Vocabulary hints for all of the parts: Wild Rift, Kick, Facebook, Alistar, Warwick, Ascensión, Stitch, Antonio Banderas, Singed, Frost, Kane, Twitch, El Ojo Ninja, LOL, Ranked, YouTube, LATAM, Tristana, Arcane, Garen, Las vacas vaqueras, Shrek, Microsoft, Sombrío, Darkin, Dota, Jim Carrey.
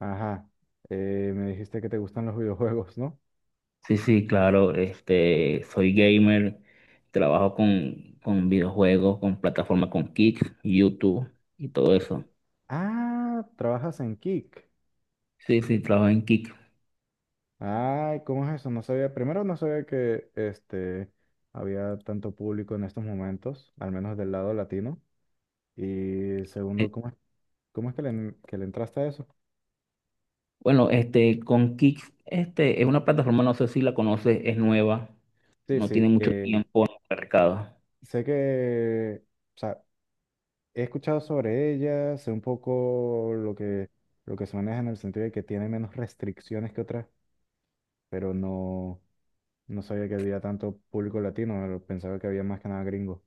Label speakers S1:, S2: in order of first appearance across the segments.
S1: Ajá. Me dijiste que te gustan los videojuegos, ¿no?
S2: Sí, sí, claro, soy gamer, trabajo con videojuegos, con plataformas con Kick, YouTube y todo eso.
S1: Ah, trabajas en Kick.
S2: Sí, sí, trabajo en Kick.
S1: Ay, ¿cómo es eso? No sabía, primero no sabía que había tanto público en estos momentos, al menos del lado latino. Y
S2: Eh,
S1: segundo, ¿cómo es que le entraste a eso?
S2: Bueno, con Kick, es una plataforma, no sé si la conoces, es nueva,
S1: Sí,
S2: no tiene
S1: sí,
S2: mucho tiempo en el mercado.
S1: sé que, o sea, he escuchado sobre ella, sé un poco lo que, se maneja en el sentido de que tiene menos restricciones que otras, pero no. No sabía que había tanto público latino, pero pensaba que había más que nada gringo.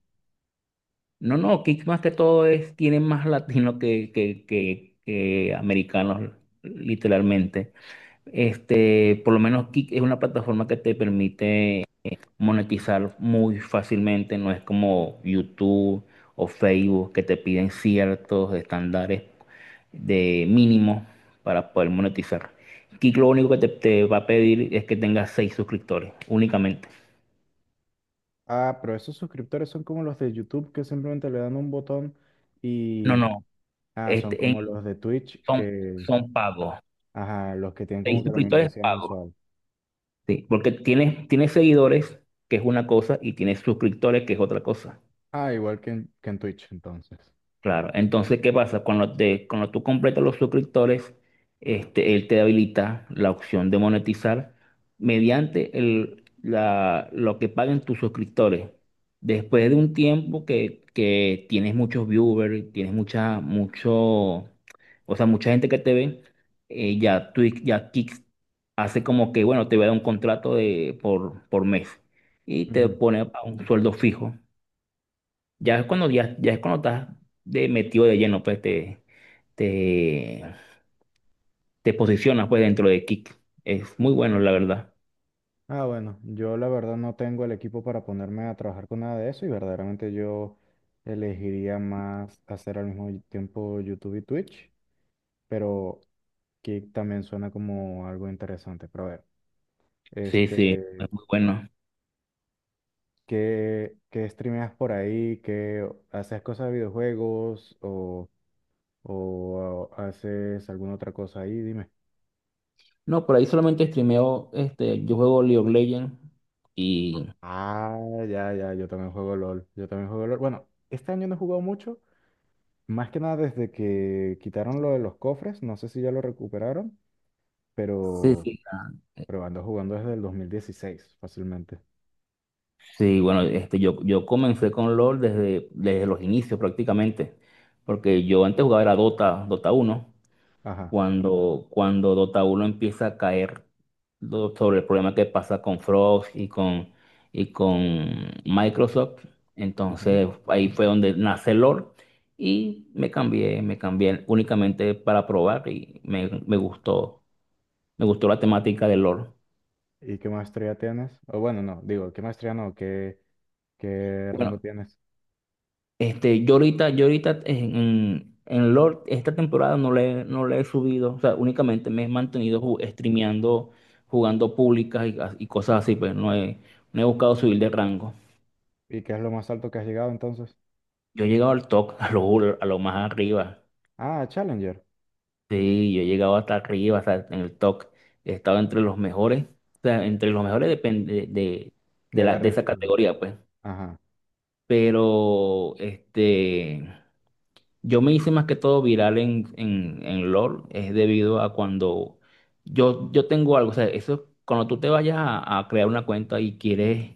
S2: No, no, Kick más que todo es, tiene más latinos que americanos, literalmente. Por lo menos Kick es una plataforma que te permite monetizar muy fácilmente, no es como YouTube o Facebook que te piden ciertos estándares de mínimo para poder monetizar. Kik lo único que te va a pedir es que tengas seis suscriptores únicamente.
S1: Ah, pero esos suscriptores son como los de YouTube que simplemente le dan un botón
S2: No,
S1: y.
S2: no,
S1: Ah, son
S2: este, en-
S1: como los de Twitch
S2: son,
S1: que.
S2: son pagos.
S1: Ajá, los que tienen
S2: Seis
S1: como que la
S2: suscriptores
S1: membresía
S2: pagos.
S1: mensual.
S2: Sí, porque tienes seguidores, que es una cosa, y tienes suscriptores, que es otra cosa.
S1: Ah, igual que en Twitch, entonces.
S2: Claro, entonces, ¿qué pasa? Cuando tú completas los suscriptores, él te habilita la opción de monetizar mediante lo que paguen tus suscriptores. Después de un tiempo que tienes muchos viewers, tienes o sea, mucha gente que te ve, ya Twitch, ya Kick hace como que, bueno, te va a dar un contrato por mes y te
S1: Ujú.
S2: pone a un sueldo fijo. Ya es cuando estás de metido de lleno, pues te, te posicionas pues dentro de Kick. Es muy bueno, la verdad.
S1: Ah, bueno, yo la verdad no tengo el equipo para ponerme a trabajar con nada de eso y verdaderamente yo elegiría más hacer al mismo tiempo YouTube y Twitch, pero que también suena como algo interesante. Pero a ver.
S2: Sí, sí,
S1: Este,
S2: es muy bueno.
S1: ¿Qué streameas por ahí? ¿Qué haces cosas de videojuegos o, haces alguna otra cosa ahí? Dime.
S2: No, por ahí solamente streameo, yo juego League of Legends y.
S1: Ah, ya, ya, yo también juego LOL. Yo también juego LOL. Bueno, este año no he jugado mucho, más que nada desde que quitaron lo de los cofres. No sé si ya lo recuperaron,
S2: Sí,
S1: pero,
S2: sí, ah,
S1: pero ando jugando desde el 2016, fácilmente.
S2: sí, bueno, yo comencé con LoL desde los inicios prácticamente, porque yo antes jugaba era Dota uno,
S1: Ajá.
S2: cuando Dota uno empieza a caer sobre el problema que pasa con Frost y y con Microsoft.
S1: Ujú.
S2: Entonces ahí fue donde nace LOL y me cambié únicamente para probar y me gustó la temática de LOL.
S1: ¿Y qué maestría tienes? O bueno, no, digo, ¿qué maestría no? ¿Qué rango
S2: Bueno,
S1: tienes?
S2: Yo ahorita Lord, esta temporada no le he subido, o sea, únicamente me he mantenido streameando, jugando públicas y cosas así, pues no he buscado subir de rango.
S1: ¿Y qué es lo más alto que has llegado entonces?
S2: Yo he llegado al top, a lo más arriba.
S1: Ah, Challenger,
S2: Sí, yo he llegado hasta arriba, o sea, en el top. He estado entre los mejores, o sea, entre los mejores depende de, de,
S1: de
S2: la,
S1: la
S2: de esa
S1: región.
S2: categoría, pues.
S1: Ajá.
S2: Pero. Yo me hice más que todo viral en LOL, es debido a cuando yo tengo algo, o sea, eso, cuando tú te vayas a crear una cuenta y quieres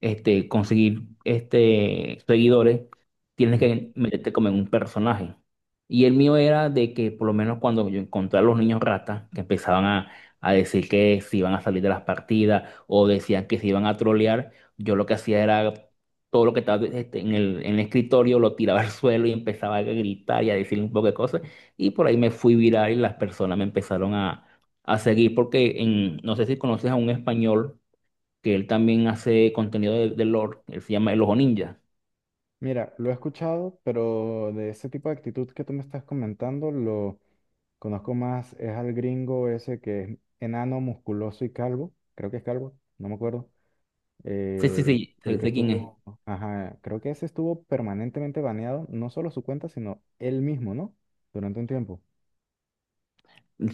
S2: conseguir seguidores, tienes
S1: Ujú.
S2: que meterte como en un personaje. Y el mío era de que por lo menos cuando yo encontré a los niños ratas, que empezaban a decir que se iban a salir de las partidas o decían que se iban a trolear, yo lo que hacía era todo lo que estaba en el escritorio, lo tiraba al suelo y empezaba a gritar y a decir un poco de cosas. Y por ahí me fui viral y las personas me empezaron a seguir porque no sé si conoces a un español que él también hace contenido de lore. Él se llama El Ojo Ninja.
S1: Mira, lo he escuchado, pero de ese tipo de actitud que tú me estás comentando, lo conozco más, es al gringo ese que es enano, musculoso y calvo, creo que es calvo, no me acuerdo.
S2: Sí,
S1: eh,
S2: sí,
S1: el
S2: sí,
S1: el
S2: sé,
S1: que
S2: sé quién es.
S1: estuvo, ajá, creo que ese estuvo permanentemente baneado, no solo su cuenta, sino él mismo, ¿no? Durante un tiempo.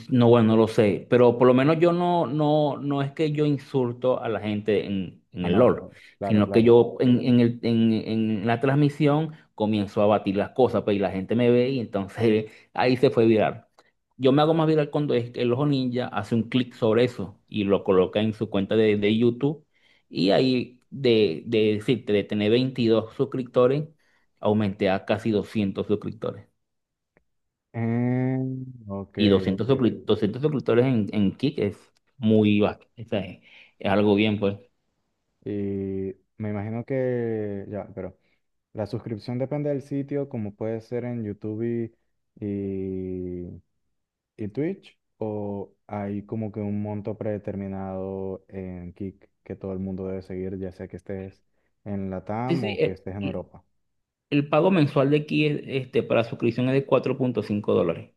S2: No, bueno, no lo sé, pero por lo menos yo no es que yo insulto a la gente en
S1: Ah,
S2: el
S1: no,
S2: LOL,
S1: claro, claro,
S2: sino que
S1: claro.
S2: yo en la transmisión comienzo a batir las cosas, pues, y la gente me ve y entonces ahí se fue viral. Yo me hago más viral cuando es que el Ojo Ninja hace un clic sobre eso y lo coloca en su cuenta de YouTube y ahí de decirte, de tener 22 suscriptores, aumenté a casi 200 suscriptores.
S1: Eh, ok,
S2: Y
S1: ok.
S2: 200 suscriptores en Kick es muy bajo. O sea, es algo bien, pues.
S1: Y me imagino que ya, pero la suscripción depende del sitio, como puede ser en YouTube y, y Twitch, o hay como que un monto predeterminado en Kick que todo el mundo debe seguir, ya sea que estés en
S2: Sí,
S1: LATAM
S2: sí,
S1: o que
S2: el,
S1: estés en
S2: el-
S1: Europa.
S2: el pago mensual de Kick para suscripción es de 4,5 dólares.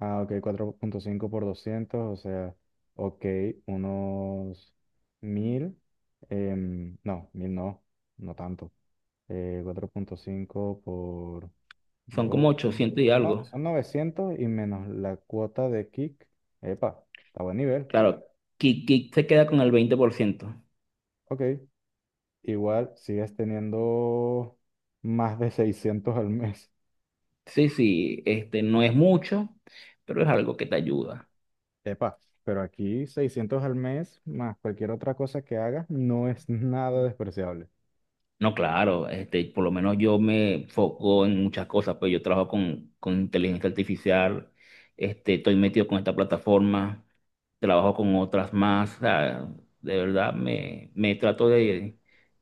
S1: Ah, ok, 4,5 por 200, o sea, ok, unos 1000 no, 1000 no, no tanto, 4,5 por.
S2: Son como
S1: Dos, no.
S2: 800 y
S1: son no-
S2: algo.
S1: son 900 y menos la cuota de Kick. Epa, está a buen nivel.
S2: Claro, Kick se queda con el 20%.
S1: Ok. Igual sigues teniendo más de 600 al mes.
S2: Sí, sí, no es mucho, pero es algo que te ayuda.
S1: Epa, pero aquí 600 al mes más cualquier otra cosa que hagas no es nada despreciable.
S2: No, claro, por lo menos yo me foco en muchas cosas, pues yo trabajo con inteligencia artificial, estoy metido con esta plataforma, trabajo con otras más, o sea, de verdad me trato de,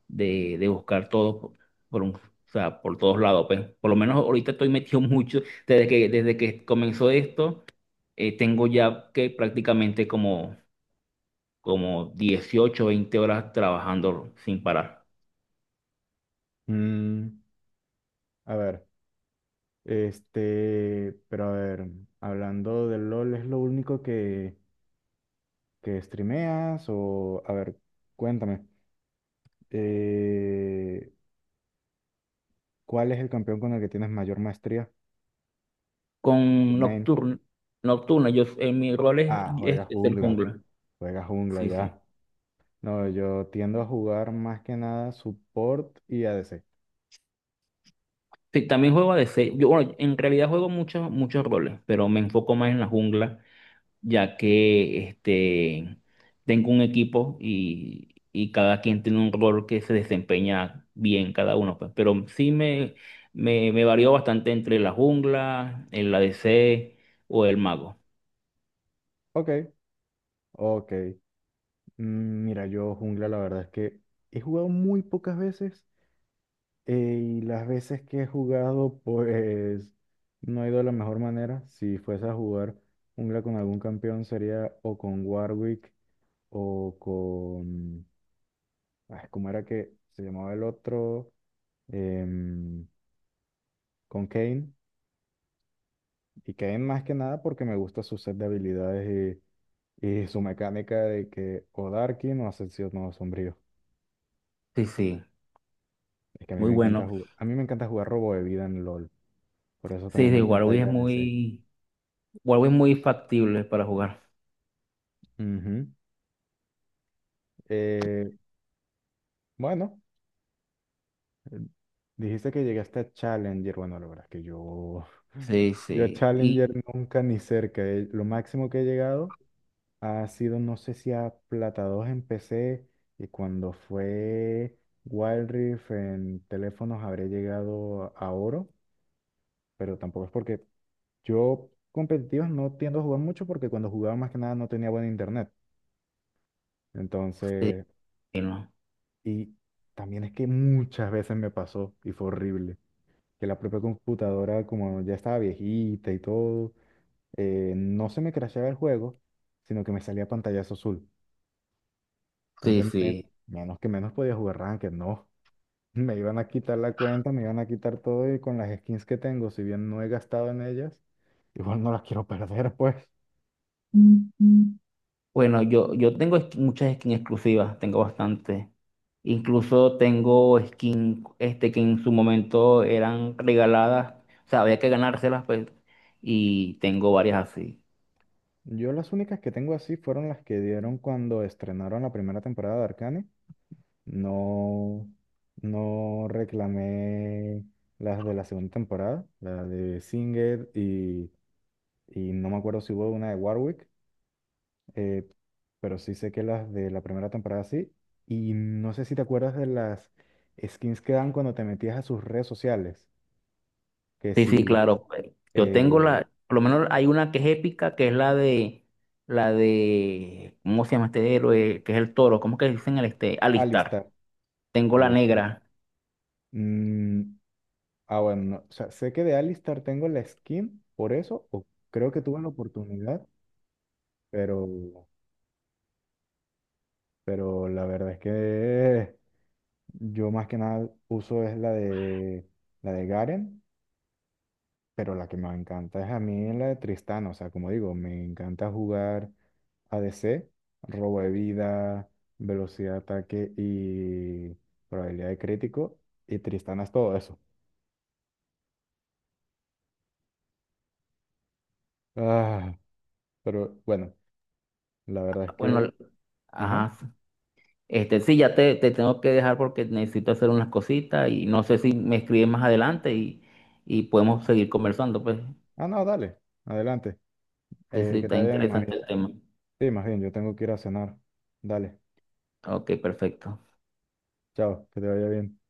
S2: de, de buscar todo o sea, por todos lados, pues por lo menos ahorita estoy metido mucho, desde que comenzó esto, tengo ya que prácticamente como 18, 20 horas trabajando sin parar.
S1: Mm, a ver, pero a ver, hablando del LOL, ¿es lo único que, streameas? O, a ver, cuéntame. Eh, ¿Cuál es el campeón con el que tienes mayor maestría?
S2: Con
S1: Main.
S2: Nocturno. Nocturno, yo en mi rol es,
S1: Ah, juega
S2: es, el
S1: jungla.
S2: jungla.
S1: Juega jungla
S2: Sí, sí.
S1: ya. No, yo tiendo a jugar más que nada support y ADC.
S2: Sí, también juego de seis. Yo, bueno, en realidad juego muchos, muchos roles, pero me enfoco más en la jungla, ya que tengo un equipo y cada quien tiene un rol que se desempeña bien cada uno, pues. Pero sí me varió bastante entre la jungla, el ADC o el mago.
S1: Ok, ok. Mira, yo jungla la verdad es que he jugado muy pocas veces eh, y las veces que he jugado pues no ha ido de la mejor manera. Si fuese a jugar jungla con algún campeón sería o con Warwick o con. Ah, ¿cómo era que se llamaba el otro? em, con Kane. Y Kane más que nada porque me gusta su set de habilidades y su mecánica de que o Darkin o Ascensión no Sombrío.
S2: Sí, sí,
S1: Es que a mí
S2: muy
S1: me encanta
S2: bueno.
S1: jugar, a mí me encanta jugar robo de vida en LOL. Por eso
S2: Sí,
S1: también me
S2: de
S1: encanta ir a DC.
S2: Warwick es muy factible para jugar.
S1: Ujú. Eh, bueno, eh, dijiste que llegaste a Challenger. Bueno, la verdad es que yo,
S2: Sí,
S1: a
S2: sí.
S1: Challenger
S2: Y
S1: nunca ni cerca. Lo máximo que he llegado ha sido, no sé si a Plata 2 en PC y cuando fue Wild Rift en teléfonos habré llegado a oro, pero tampoco es porque yo competitivos no tiendo a jugar mucho porque cuando jugaba más que nada no tenía buen internet.
S2: sí,
S1: Entonces,
S2: y no.
S1: y también es que muchas veces me pasó y fue horrible, que la propia computadora como ya estaba viejita y todo, no se me crasheaba el juego, sino que me salía pantallazo azul.
S2: Sí,
S1: Entonces, men-
S2: sí.
S1: menos que menos podía jugar Ranked, no. Me iban a quitar la cuenta, me iban a quitar todo y con las skins que tengo, si bien no he gastado en ellas, igual no las quiero perder, pues.
S2: Ujú. Bueno, yo tengo muchas skins exclusivas, tengo bastante. Incluso tengo skins que en su momento eran regaladas, o sea, había que ganárselas, pues, y tengo varias así.
S1: Yo las únicas que tengo así fueron las que dieron cuando estrenaron la primera temporada de Arcane. No, no reclamé las de la segunda temporada, la de Singed y no me acuerdo si hubo una de Warwick. eh, pero sí sé que las de la primera temporada sí. Y no sé si te acuerdas de las skins que dan cuando te metías a sus redes sociales. Que
S2: Sí, sí,
S1: si
S2: claro, pues. Yo tengo
S1: eh,
S2: la, por lo menos hay una que es épica, que es ¿cómo se llama este héroe? Que es el toro, ¿cómo que dicen el este? Alistar.
S1: Alistar,
S2: Tengo la
S1: Alistar.
S2: negra.
S1: Mm, ah, bueno, no, o sea, sé que de Alistar tengo la skin por eso, o creo que tuve la oportunidad, pero, la verdad es que yo más que nada uso es la de Garen. Pero la que me encanta es a mí la de Tristán, o sea, como digo, me encanta jugar ADC, robo de vida, velocidad de ataque y probabilidad de crítico, y Tristana es todo eso. Ah, pero bueno, la verdad es que.
S2: Bueno,
S1: Ajá.
S2: ajá. Sí, ya te tengo que dejar porque necesito hacer unas cositas y no sé si me escribes más adelante y podemos seguir conversando, pues.
S1: Ah, no, dale, adelante.
S2: Sí, sí,
S1: Que
S2: está
S1: te vaya más
S2: interesante
S1: bien.
S2: el tema.
S1: Sí, más bien, yo tengo que ir a cenar. Dale,
S2: Ok, perfecto.
S1: chao, que te vaya bien.